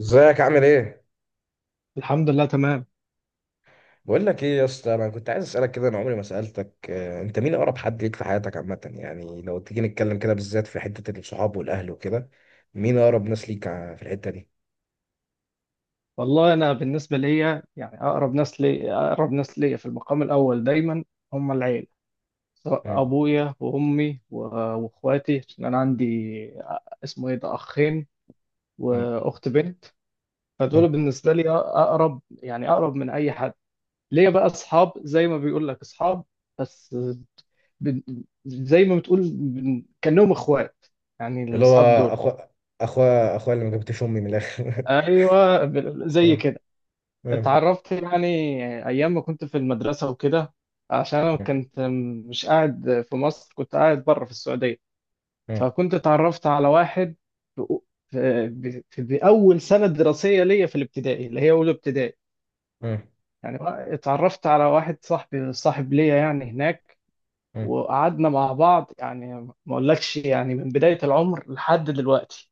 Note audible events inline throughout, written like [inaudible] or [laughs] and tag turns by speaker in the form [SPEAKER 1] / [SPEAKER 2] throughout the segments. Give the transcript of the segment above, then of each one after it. [SPEAKER 1] ازيك عامل ايه؟
[SPEAKER 2] الحمد لله تمام.
[SPEAKER 1] بقول لك ايه يا اسطى، انا كنت عايز اسالك كده، انا عمري ما سالتك. انت مين اقرب حد ليك في حياتك عامه؟ يعني لو تيجي نتكلم كده بالذات في حته الصحاب والاهل وكده، مين اقرب ناس ليك في الحته دي؟
[SPEAKER 2] والله انا بالنسبه ليا يعني اقرب ناس لي، اقرب ناس ليا في المقام الاول دايما هم العيله، سواء
[SPEAKER 1] مم.
[SPEAKER 2] ابويا وامي واخواتي. عشان انا عندي، اسمه ايه ده، اخين
[SPEAKER 1] مم.
[SPEAKER 2] واخت بنت،
[SPEAKER 1] مم.
[SPEAKER 2] فدول بالنسبه لي اقرب، يعني اقرب من اي حد. ليا بقى اصحاب زي ما بيقول لك اصحاب، بس بن- زي ما بتقول كانهم اخوات يعني،
[SPEAKER 1] اللي هو
[SPEAKER 2] الاصحاب دول
[SPEAKER 1] اخو اخو اخويا اللي ما جبتش امي من الاخر.
[SPEAKER 2] ايوه
[SPEAKER 1] [laughs]
[SPEAKER 2] زي
[SPEAKER 1] مم.
[SPEAKER 2] كده.
[SPEAKER 1] مم.
[SPEAKER 2] اتعرفت يعني ايام ما كنت في المدرسه وكده، عشان انا
[SPEAKER 1] مم.
[SPEAKER 2] كنت مش قاعد في مصر، كنت قاعد بره في السعوديه،
[SPEAKER 1] مم.
[SPEAKER 2] فكنت اتعرفت على واحد في في اول سنه دراسيه ليا في الابتدائي اللي هي اولى ابتدائي
[SPEAKER 1] مم.
[SPEAKER 2] يعني. اتعرفت على واحد صاحبي، صاحب ليا يعني هناك،
[SPEAKER 1] مم.
[SPEAKER 2] وقعدنا مع بعض يعني ما اقولكش يعني من بدايه العمر لحد دلوقتي.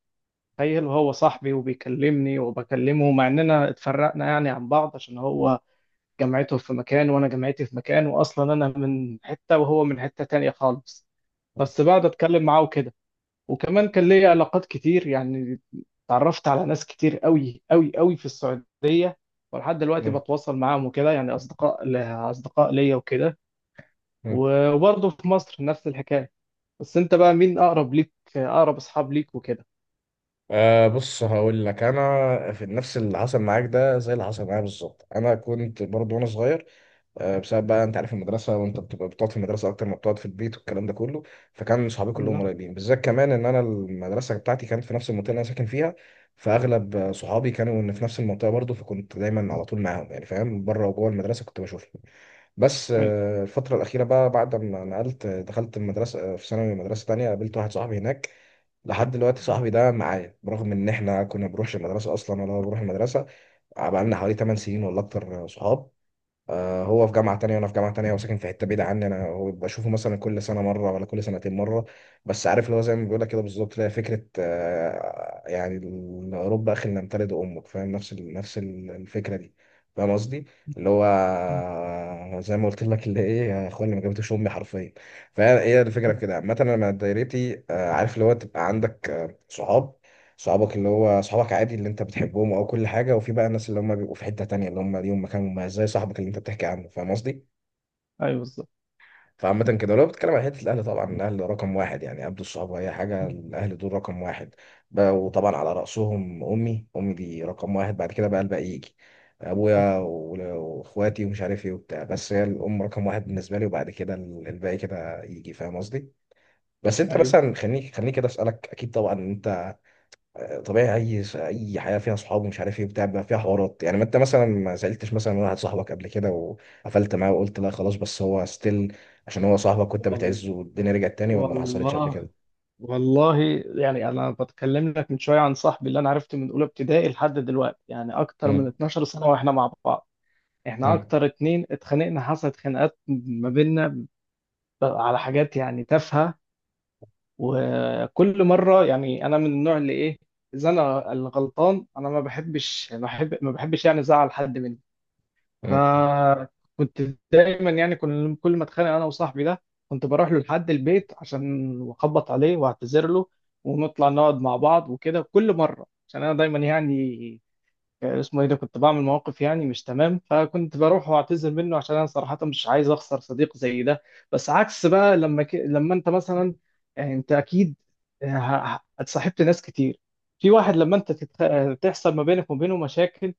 [SPEAKER 2] تخيل وهو صاحبي وبيكلمني وبكلمه مع اننا اتفرقنا يعني عن بعض، عشان هو جامعته في مكان وانا جامعتي في مكان، واصلا انا من حته وهو من حته تانية خالص، بس بقعد اتكلم معاه وكده. وكمان كان ليا علاقات كتير يعني، اتعرفت على ناس كتير قوي قوي قوي في السعوديه، ولحد دلوقتي بتواصل معاهم وكده، يعني اصدقاء اصدقاء ليا وكده.
[SPEAKER 1] مم.
[SPEAKER 2] وبرضه في مصر نفس الحكايه. بس انت بقى مين اقرب ليك، اقرب اصحاب ليك وكده؟
[SPEAKER 1] أه، بص هقول لك، انا في نفس اللي حصل معاك ده، زي اللي حصل معايا بالظبط. انا كنت برضه وانا صغير، بسبب بقى انت عارف المدرسه، وانت بتبقى بتقعد في المدرسه اكتر ما بتقعد في البيت والكلام ده كله. فكان صحابي كلهم قريبين، بالذات كمان ان انا المدرسه بتاعتي كانت في نفس المنطقه اللي انا ساكن فيها، فاغلب صحابي كانوا إن في نفس المنطقه برضه، فكنت دايما على طول معاهم، يعني فاهم، بره وجوه المدرسه كنت بشوفهم. بس
[SPEAKER 2] ايوه.
[SPEAKER 1] الفتره الاخيره بقى، بعد ما نقلت، دخلت المدرسه في ثانوي، مدرسه تانية، قابلت واحد صاحبي هناك لحد دلوقتي صاحبي ده معايا، برغم ان احنا كنا بنروحش المدرسه اصلا، ولا هو بيروح المدرسه. بقى لنا حوالي 8 سنين ولا اكتر صحاب. هو في جامعة تانية وأنا في جامعة تانية وساكن في حتة بعيدة عني أنا، هو بشوفه مثلا كل سنة مرة ولا كل سنتين مرة. بس عارف اللي هو زي ما بيقولك كده بالظبط، اللي هي فكرة يعني رب أخي لنمتلد أمك، فاهم، نفس الفكرة دي، فاهم قصدي. اللي هو زي ما قلت لك، اللي إيه، يا إخواني ما جابتش أمي حرفيا. فهي هي الفكرة في كده عامة، أنا من دايرتي عارف اللي هو تبقى عندك صحاب، صحابك اللي هو صحابك عادي اللي انت بتحبهم او كل حاجه. وفي بقى الناس اللي هم بيبقوا في حته تانية، اللي هم ليهم مكان مميز، زي صاحبك اللي انت بتحكي عنه، فاهم قصدي.
[SPEAKER 2] ايوه بالظبط.
[SPEAKER 1] فعامة كده لو بتتكلم عن حتة الأهل، طبعا الأهل رقم واحد يعني قبل الصحاب، أي حاجة الأهل دول رقم واحد بقى، وطبعا على رأسهم أمي، أمي دي رقم واحد، بعد كده بقى الباقي يجي، أبويا وإخواتي ومش عارف إيه وبتاع، بس هي الأم رقم واحد بالنسبة لي، وبعد كده الباقي كده يجي، فاهم قصدي. بس أنت
[SPEAKER 2] ايوه.
[SPEAKER 1] مثلا، خليني كده أسألك، أكيد طبعا أنت طبيعي، اي حياه فيها صحاب ومش عارف ايه بتاع بيبقى فيها حوارات، يعني ما انت مثلا ما سالتش مثلا واحد صاحبك قبل كده، وقفلت معاه وقلت لا خلاص، بس هو ستيل عشان هو صاحبك كنت
[SPEAKER 2] وال-
[SPEAKER 1] بتعزه، والدنيا رجعت تاني، ولا ما حصلتش قبل
[SPEAKER 2] والله.
[SPEAKER 1] كده؟
[SPEAKER 2] والله يعني انا بتكلم لك من شويه عن صاحبي اللي انا عرفته من اولى ابتدائي لحد دلوقتي، يعني اكتر من
[SPEAKER 1] مم.
[SPEAKER 2] 12 سنه واحنا مع بعض. احنا
[SPEAKER 1] مم.
[SPEAKER 2] اكتر اتنين اتخانقنا، حصلت خناقات ما بيننا على حاجات يعني تافهه. وكل مره يعني، انا من النوع اللي ايه، اذا انا الغلطان انا ما بحبش ما بحبش يعني ازعل حد مني.
[SPEAKER 1] مم.
[SPEAKER 2] فكنت دايما يعني كل ما اتخانق انا وصاحبي ده كنت بروح له لحد البيت عشان اخبط عليه واعتذر له، ونطلع نقعد مع بعض وكده كل مره. عشان انا دايما يعني، اسمه ايه ده، كنت بعمل مواقف يعني مش تمام، فكنت بروح واعتذر منه عشان انا صراحه مش عايز اخسر صديق زي ده. بس عكس بقى لما لما انت مثلا، يعني انت اكيد اتصاحبت ناس كتير. في واحد لما انت تتخ... آه، تحصل ما بينك وما بينه مشاكل،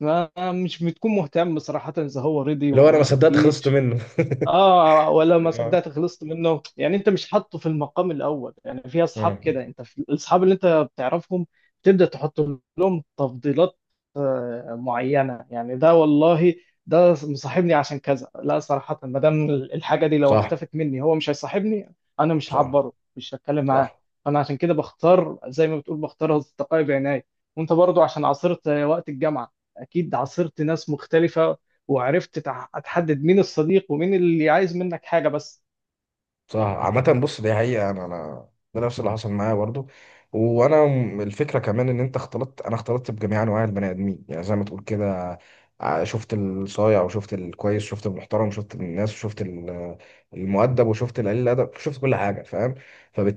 [SPEAKER 2] ما مش بتكون مهتم صراحة إذا هو رضي
[SPEAKER 1] اللي هو
[SPEAKER 2] ولا
[SPEAKER 1] انا ما
[SPEAKER 2] ما
[SPEAKER 1] صدقت خلصت
[SPEAKER 2] رضيش.
[SPEAKER 1] منه.
[SPEAKER 2] اه، ولا ما
[SPEAKER 1] [laughs] آه.
[SPEAKER 2] صدقت خلصت منه، يعني انت مش حاطه في المقام الاول. يعني في اصحاب
[SPEAKER 1] آه.
[SPEAKER 2] كده انت في الاصحاب اللي انت بتعرفهم تبدا تحط لهم تفضيلات معينه، يعني ده والله ده مصاحبني عشان كذا، لا صراحه ما دام الحاجه دي لو
[SPEAKER 1] صح.
[SPEAKER 2] اختفت مني هو مش هيصاحبني، انا مش
[SPEAKER 1] صح.
[SPEAKER 2] هعبره مش هتكلم معاه.
[SPEAKER 1] صح.
[SPEAKER 2] انا عشان كده بختار زي ما بتقول، بختار اصدقائي بعناية. وانت برضو عشان عاصرت وقت الجامعه، اكيد عاصرت ناس مختلفه، وعرفت تحدد مين الصديق ومين اللي عايز منك حاجة بس.
[SPEAKER 1] صح. عامة بص، دي حقيقة، أنا ده نفس اللي حصل معايا برضو. وأنا الفكرة كمان إن أنت اختلطت، أنا اختلطت بجميع أنواع البني آدمين، يعني زي ما تقول كده، شفت الصايع وشفت الكويس، شفت المحترم، شفت الناس، وشفت المؤدب، وشفت القليل الأدب، شفت كل حاجة، فاهم.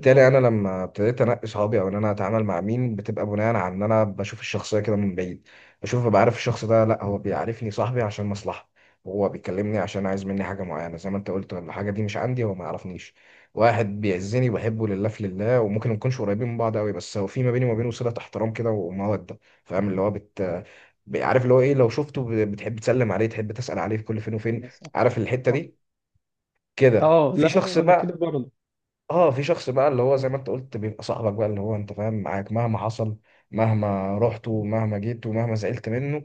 [SPEAKER 2] مم.
[SPEAKER 1] أنا لما ابتديت أنقي صحابي، أو إن أنا أتعامل مع مين، بتبقى بناء على إن أنا بشوف الشخصية كده من بعيد، بشوف، ببقى عارف الشخص ده. لأ هو بيعرفني صاحبي عشان مصلحة، هو بيكلمني عشان عايز مني حاجة معينة زي ما انت قلت، الحاجة دي مش عندي هو ما يعرفنيش. واحد بيعزني وبحبه لله في لله، وممكن ما نكونش قريبين من بعض قوي، بس هو في ما بيني وما بينه صلة احترام كده ومودة، فاهم اللي هو عارف اللي هو ايه، لو شفته بتحب تسلم عليه، تحب تسأل عليه في كل فين وفين،
[SPEAKER 2] بس صح.
[SPEAKER 1] عارف الحتة
[SPEAKER 2] صح.
[SPEAKER 1] دي كده.
[SPEAKER 2] اه
[SPEAKER 1] في شخص
[SPEAKER 2] لا، انا كده
[SPEAKER 1] بقى
[SPEAKER 2] برضه.
[SPEAKER 1] اه في شخص بقى اللي هو زي ما انت قلت بيبقى صاحبك بقى، اللي هو انت فاهم، معاك مهما حصل، مهما رحت ومهما جيت ومهما زعلت منه،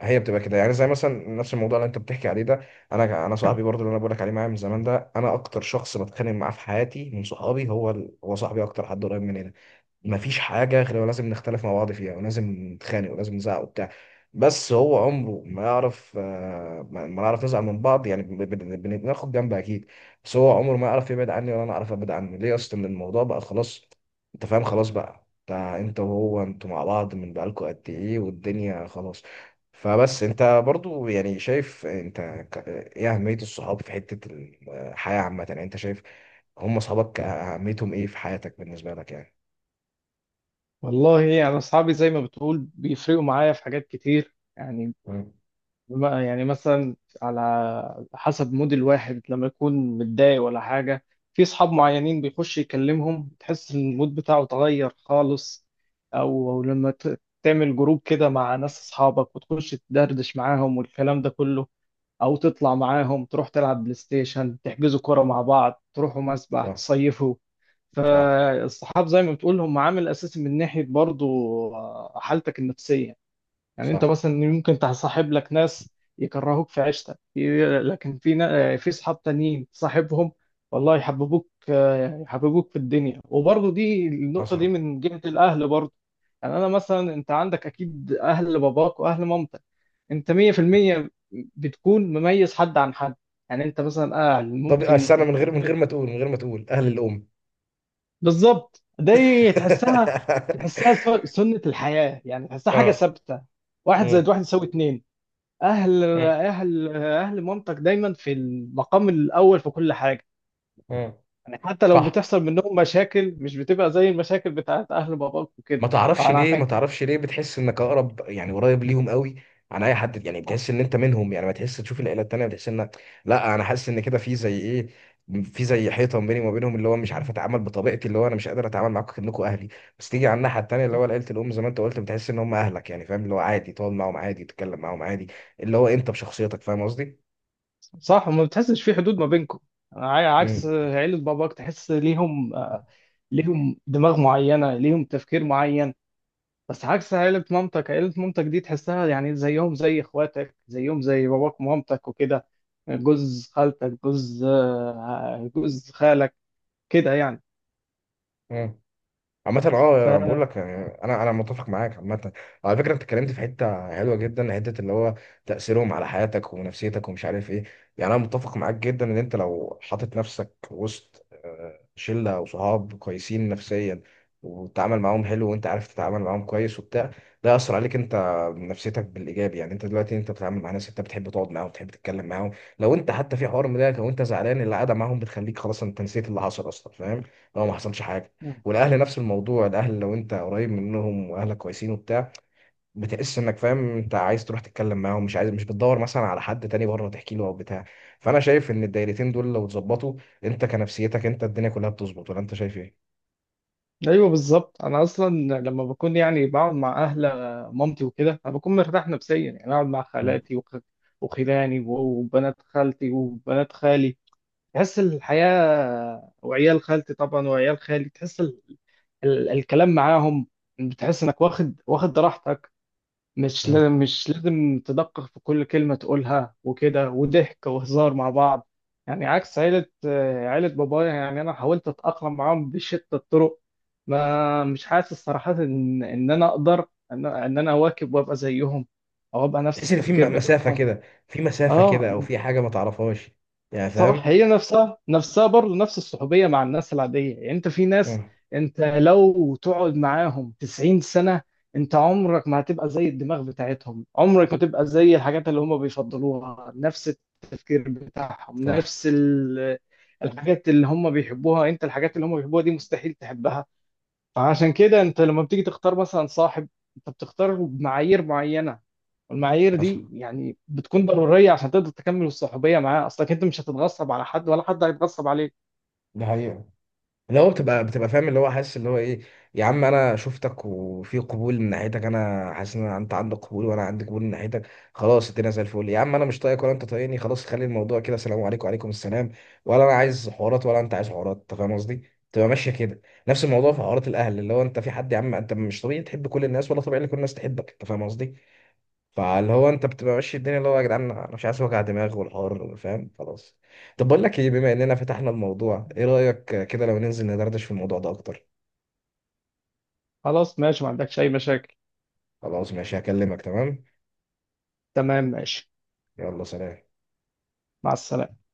[SPEAKER 1] هي بتبقى كده. يعني زي مثلا نفس الموضوع اللي انت بتحكي عليه ده، انا صاحبي برضو اللي انا بقولك عليه معايا من زمان ده، انا اكتر شخص بتخانق معاه في حياتي من صحابي هو هو صاحبي، اكتر حد قريب مني ده. مفيش حاجة غير لازم نختلف مع بعض فيها، ولازم نتخانق ولازم نزعق وبتاع، بس هو عمره ما يعرف ما نعرف نزعل من بعض، يعني بناخد جنب أكيد، بس هو عمره ما يعرف يبعد عني ولا أنا أعرف أبعد عنه ليه أصلا، إن الموضوع بقى خلاص. أنت فاهم، خلاص بقى، أنت وهو أنتوا مع بعض من بقالكوا قد إيه، والدنيا خلاص. فبس أنت برضو يعني شايف أنت إيه أهمية الصحاب في حتة الحياة عامة، يعني أنت شايف هم صحابك أهميتهم إيه في حياتك بالنسبة لك يعني؟
[SPEAKER 2] والله يعني اصحابي زي ما بتقول بيفرقوا معايا في حاجات كتير يعني.
[SPEAKER 1] مم.
[SPEAKER 2] يعني مثلا، على حسب مود الواحد لما يكون متضايق ولا حاجه، في اصحاب معينين بيخش يكلمهم تحس ان المود بتاعه اتغير خالص، او لما تعمل جروب كده مع ناس اصحابك وتخش تدردش معاهم والكلام ده كله، او تطلع معاهم تروح تلعب بلاي ستيشن، تحجزوا كرة مع بعض، تروحوا مسبح،
[SPEAKER 1] صح.
[SPEAKER 2] تصيفوا.
[SPEAKER 1] صح.
[SPEAKER 2] فالصحاب زي ما بتقول هم عامل اساسي من ناحية برضو حالتك النفسية. يعني انت
[SPEAKER 1] صح.
[SPEAKER 2] مثلا ممكن تصاحب لك ناس يكرهوك في عيشتك، لكن في في صحاب تانيين تصاحبهم والله يحببوك، يحببوك في الدنيا. وبرضه دي النقطة دي
[SPEAKER 1] حصل.
[SPEAKER 2] من جهة الأهل برضه. يعني أنا مثلا، أنت عندك أكيد أهل باباك وأهل مامتك، أنت 100% بتكون مميز حد عن حد. يعني أنت مثلا أهل
[SPEAKER 1] طب
[SPEAKER 2] ممكن
[SPEAKER 1] استنى، من غير ما تقول اهل الام.
[SPEAKER 2] بالظبط، دي تحسها،
[SPEAKER 1] [laughs]
[SPEAKER 2] تحسها سنة الحياة، يعني تحسها حاجة
[SPEAKER 1] اه.
[SPEAKER 2] ثابتة. واحد زائد
[SPEAKER 1] آه.
[SPEAKER 2] واحد يساوي اتنين.
[SPEAKER 1] آه.
[SPEAKER 2] اهل مامتك دايما في المقام الاول في كل حاجه.
[SPEAKER 1] آه.
[SPEAKER 2] يعني حتى لو
[SPEAKER 1] صح.
[SPEAKER 2] بتحصل منهم مشاكل مش بتبقى زي المشاكل بتاعت اهل باباك وكده.
[SPEAKER 1] ما تعرفش
[SPEAKER 2] فانا
[SPEAKER 1] ليه،
[SPEAKER 2] عشان
[SPEAKER 1] ما
[SPEAKER 2] كده.
[SPEAKER 1] تعرفش ليه بتحس انك اقرب، يعني قريب ليهم قوي عن اي حد، يعني بتحس ان انت منهم، يعني ما تحس تشوف العيله التانيه بتحس ان لا، انا حاسس ان كده في زي ايه، في زي حيطه بيني وما بينهم، اللي هو مش عارف اتعامل بطبيعتي، اللي هو انا مش قادر اتعامل معاكم كانكم اهلي. بس تيجي على الناحيه التانيه اللي هو عيله الام، زي ما انت قلت بتحس ان هم اهلك، يعني فاهم اللي هو عادي تقعد معاهم، عادي تتكلم معاهم عادي، اللي هو انت بشخصيتك، فاهم قصدي؟
[SPEAKER 2] صح. وما بتحسش في حدود ما بينكم. عكس
[SPEAKER 1] امم.
[SPEAKER 2] عيلة باباك تحس ليهم ليهم دماغ معينة، ليهم تفكير معين. بس عكس عيلة مامتك، عيلة مامتك دي تحسها يعني زيهم زي اخواتك، زيهم زي باباك ومامتك وكده، جوز خالتك، جوز جوز خالك، كده يعني.
[SPEAKER 1] امم. عامة
[SPEAKER 2] ف
[SPEAKER 1] اه، انا بقول لك يعني، انا متفق معاك عامة. على فكرة انت اتكلمت
[SPEAKER 2] م-
[SPEAKER 1] في حتة حلوة جدا، حتة اللي هو تأثيرهم على حياتك ونفسيتك ومش عارف ايه، يعني انا متفق معاك جدا ان انت لو حاطط نفسك وسط شلة وصحاب كويسين نفسيا، وتتعامل معاهم حلو وانت عارف تتعامل معاهم كويس وبتاع، ده يأثر عليك انت نفسيتك بالايجاب. يعني انت دلوقتي انت بتتعامل مع ناس انت بتحب تقعد معاهم، بتحب تتكلم معاهم، لو انت حتى في حوار مضايقك او انت زعلان، القعدة معاهم بتخليك خلاص انت نسيت اللي حصل اصلا، فاهم، لو ما حصلش حاجة.
[SPEAKER 2] م.
[SPEAKER 1] والاهل نفس الموضوع، الاهل لو انت قريب منهم واهلك كويسين وبتاع، بتحس انك فاهم انت عايز تروح تتكلم معاهم، مش عايز مش بتدور مثلا على حد تاني بره تحكي له او بتاع. فانا شايف ان الدايرتين دول لو اتظبطوا، انت كنفسيتك انت الدنيا كلها بتظبط، ولا انت شايف ايه؟
[SPEAKER 2] ايوه بالظبط. انا اصلا لما بكون يعني بقعد مع اهل مامتي وكده انا بكون مرتاح نفسيا، يعني اقعد مع
[SPEAKER 1] مم.
[SPEAKER 2] خالاتي وخلاني وبنات خالتي وبنات خالي، تحس الحياه، وعيال خالتي طبعا وعيال خالي، تحس الكلام معاهم بتحس انك واخد راحتك،
[SPEAKER 1] مم.
[SPEAKER 2] مش لازم تدقق في كل كلمة تقولها وكده، وضحك وهزار مع بعض، يعني عكس عيلة عيلة بابايا. يعني أنا حاولت أتأقلم معاهم بشتى الطرق، ما مش حاسس صراحة إن أنا أقدر إن أنا أواكب وأبقى زيهم، أو أبقى نفس
[SPEAKER 1] تحس ان في
[SPEAKER 2] التفكير
[SPEAKER 1] مسافة
[SPEAKER 2] بتاعهم.
[SPEAKER 1] كده، في مسافة
[SPEAKER 2] أه
[SPEAKER 1] كده او في حاجة ما تعرفهاش، يعني
[SPEAKER 2] صح.
[SPEAKER 1] فاهم.
[SPEAKER 2] هي نفسها نفسها برضه نفس الصحوبية مع الناس العادية. يعني انت في ناس،
[SPEAKER 1] مم.
[SPEAKER 2] انت لو تقعد معاهم 90 سنة انت عمرك ما هتبقى زي الدماغ بتاعتهم، عمرك ما تبقى زي الحاجات اللي هم بيفضلوها، نفس التفكير بتاعهم،
[SPEAKER 1] صح.
[SPEAKER 2] نفس الحاجات اللي هم بيحبوها، انت الحاجات اللي هم بيحبوها دي مستحيل تحبها. فعشان كده انت لما بتيجي تختار مثلا صاحب انت بتختار بمعايير معينه، والمعايير
[SPEAKER 1] حصل.
[SPEAKER 2] دي يعني بتكون ضروريه عشان تقدر تكمل الصحوبيه معاه، اصلك انت مش هتتغصب على حد ولا حد هيتغصب عليك.
[SPEAKER 1] ده حقيقة. اللي هو بتبقى فاهم، اللي هو حاسس اللي هو ايه، يا عم انا شفتك وفي قبول من ناحيتك، انا حاسس ان انت عندك قبول وانا عندي قبول من ناحيتك، خلاص الدنيا زي الفل. يا عم انا مش طايقك ولا انت طايقني، خلاص خلي الموضوع كده سلام عليكم وعليكم السلام، ولا انا عايز حوارات ولا انت عايز حوارات، انت فاهم قصدي، تبقى ماشيه كده. نفس الموضوع في
[SPEAKER 2] مم.
[SPEAKER 1] حوارات الاهل، اللي هو انت في حد يا عم، انت مش طبيعي تحب كل الناس ولا طبيعي ان كل الناس تحبك، انت فاهم قصدي، فاللي هو انت بتبقى ماشي الدنيا اللي هو يا جدعان انا مش عايز وجع دماغ والحوار، فاهم خلاص. طب بقول لك ايه، بما اننا فتحنا الموضوع، ايه رأيك كده لو ننزل ندردش في الموضوع ده اكتر؟
[SPEAKER 2] خلاص ماشي ما عندكش اي مشاكل.
[SPEAKER 1] خلاص ماشي هكلمك، تمام.
[SPEAKER 2] تمام ماشي.
[SPEAKER 1] يلا سلام.
[SPEAKER 2] مع السلامه.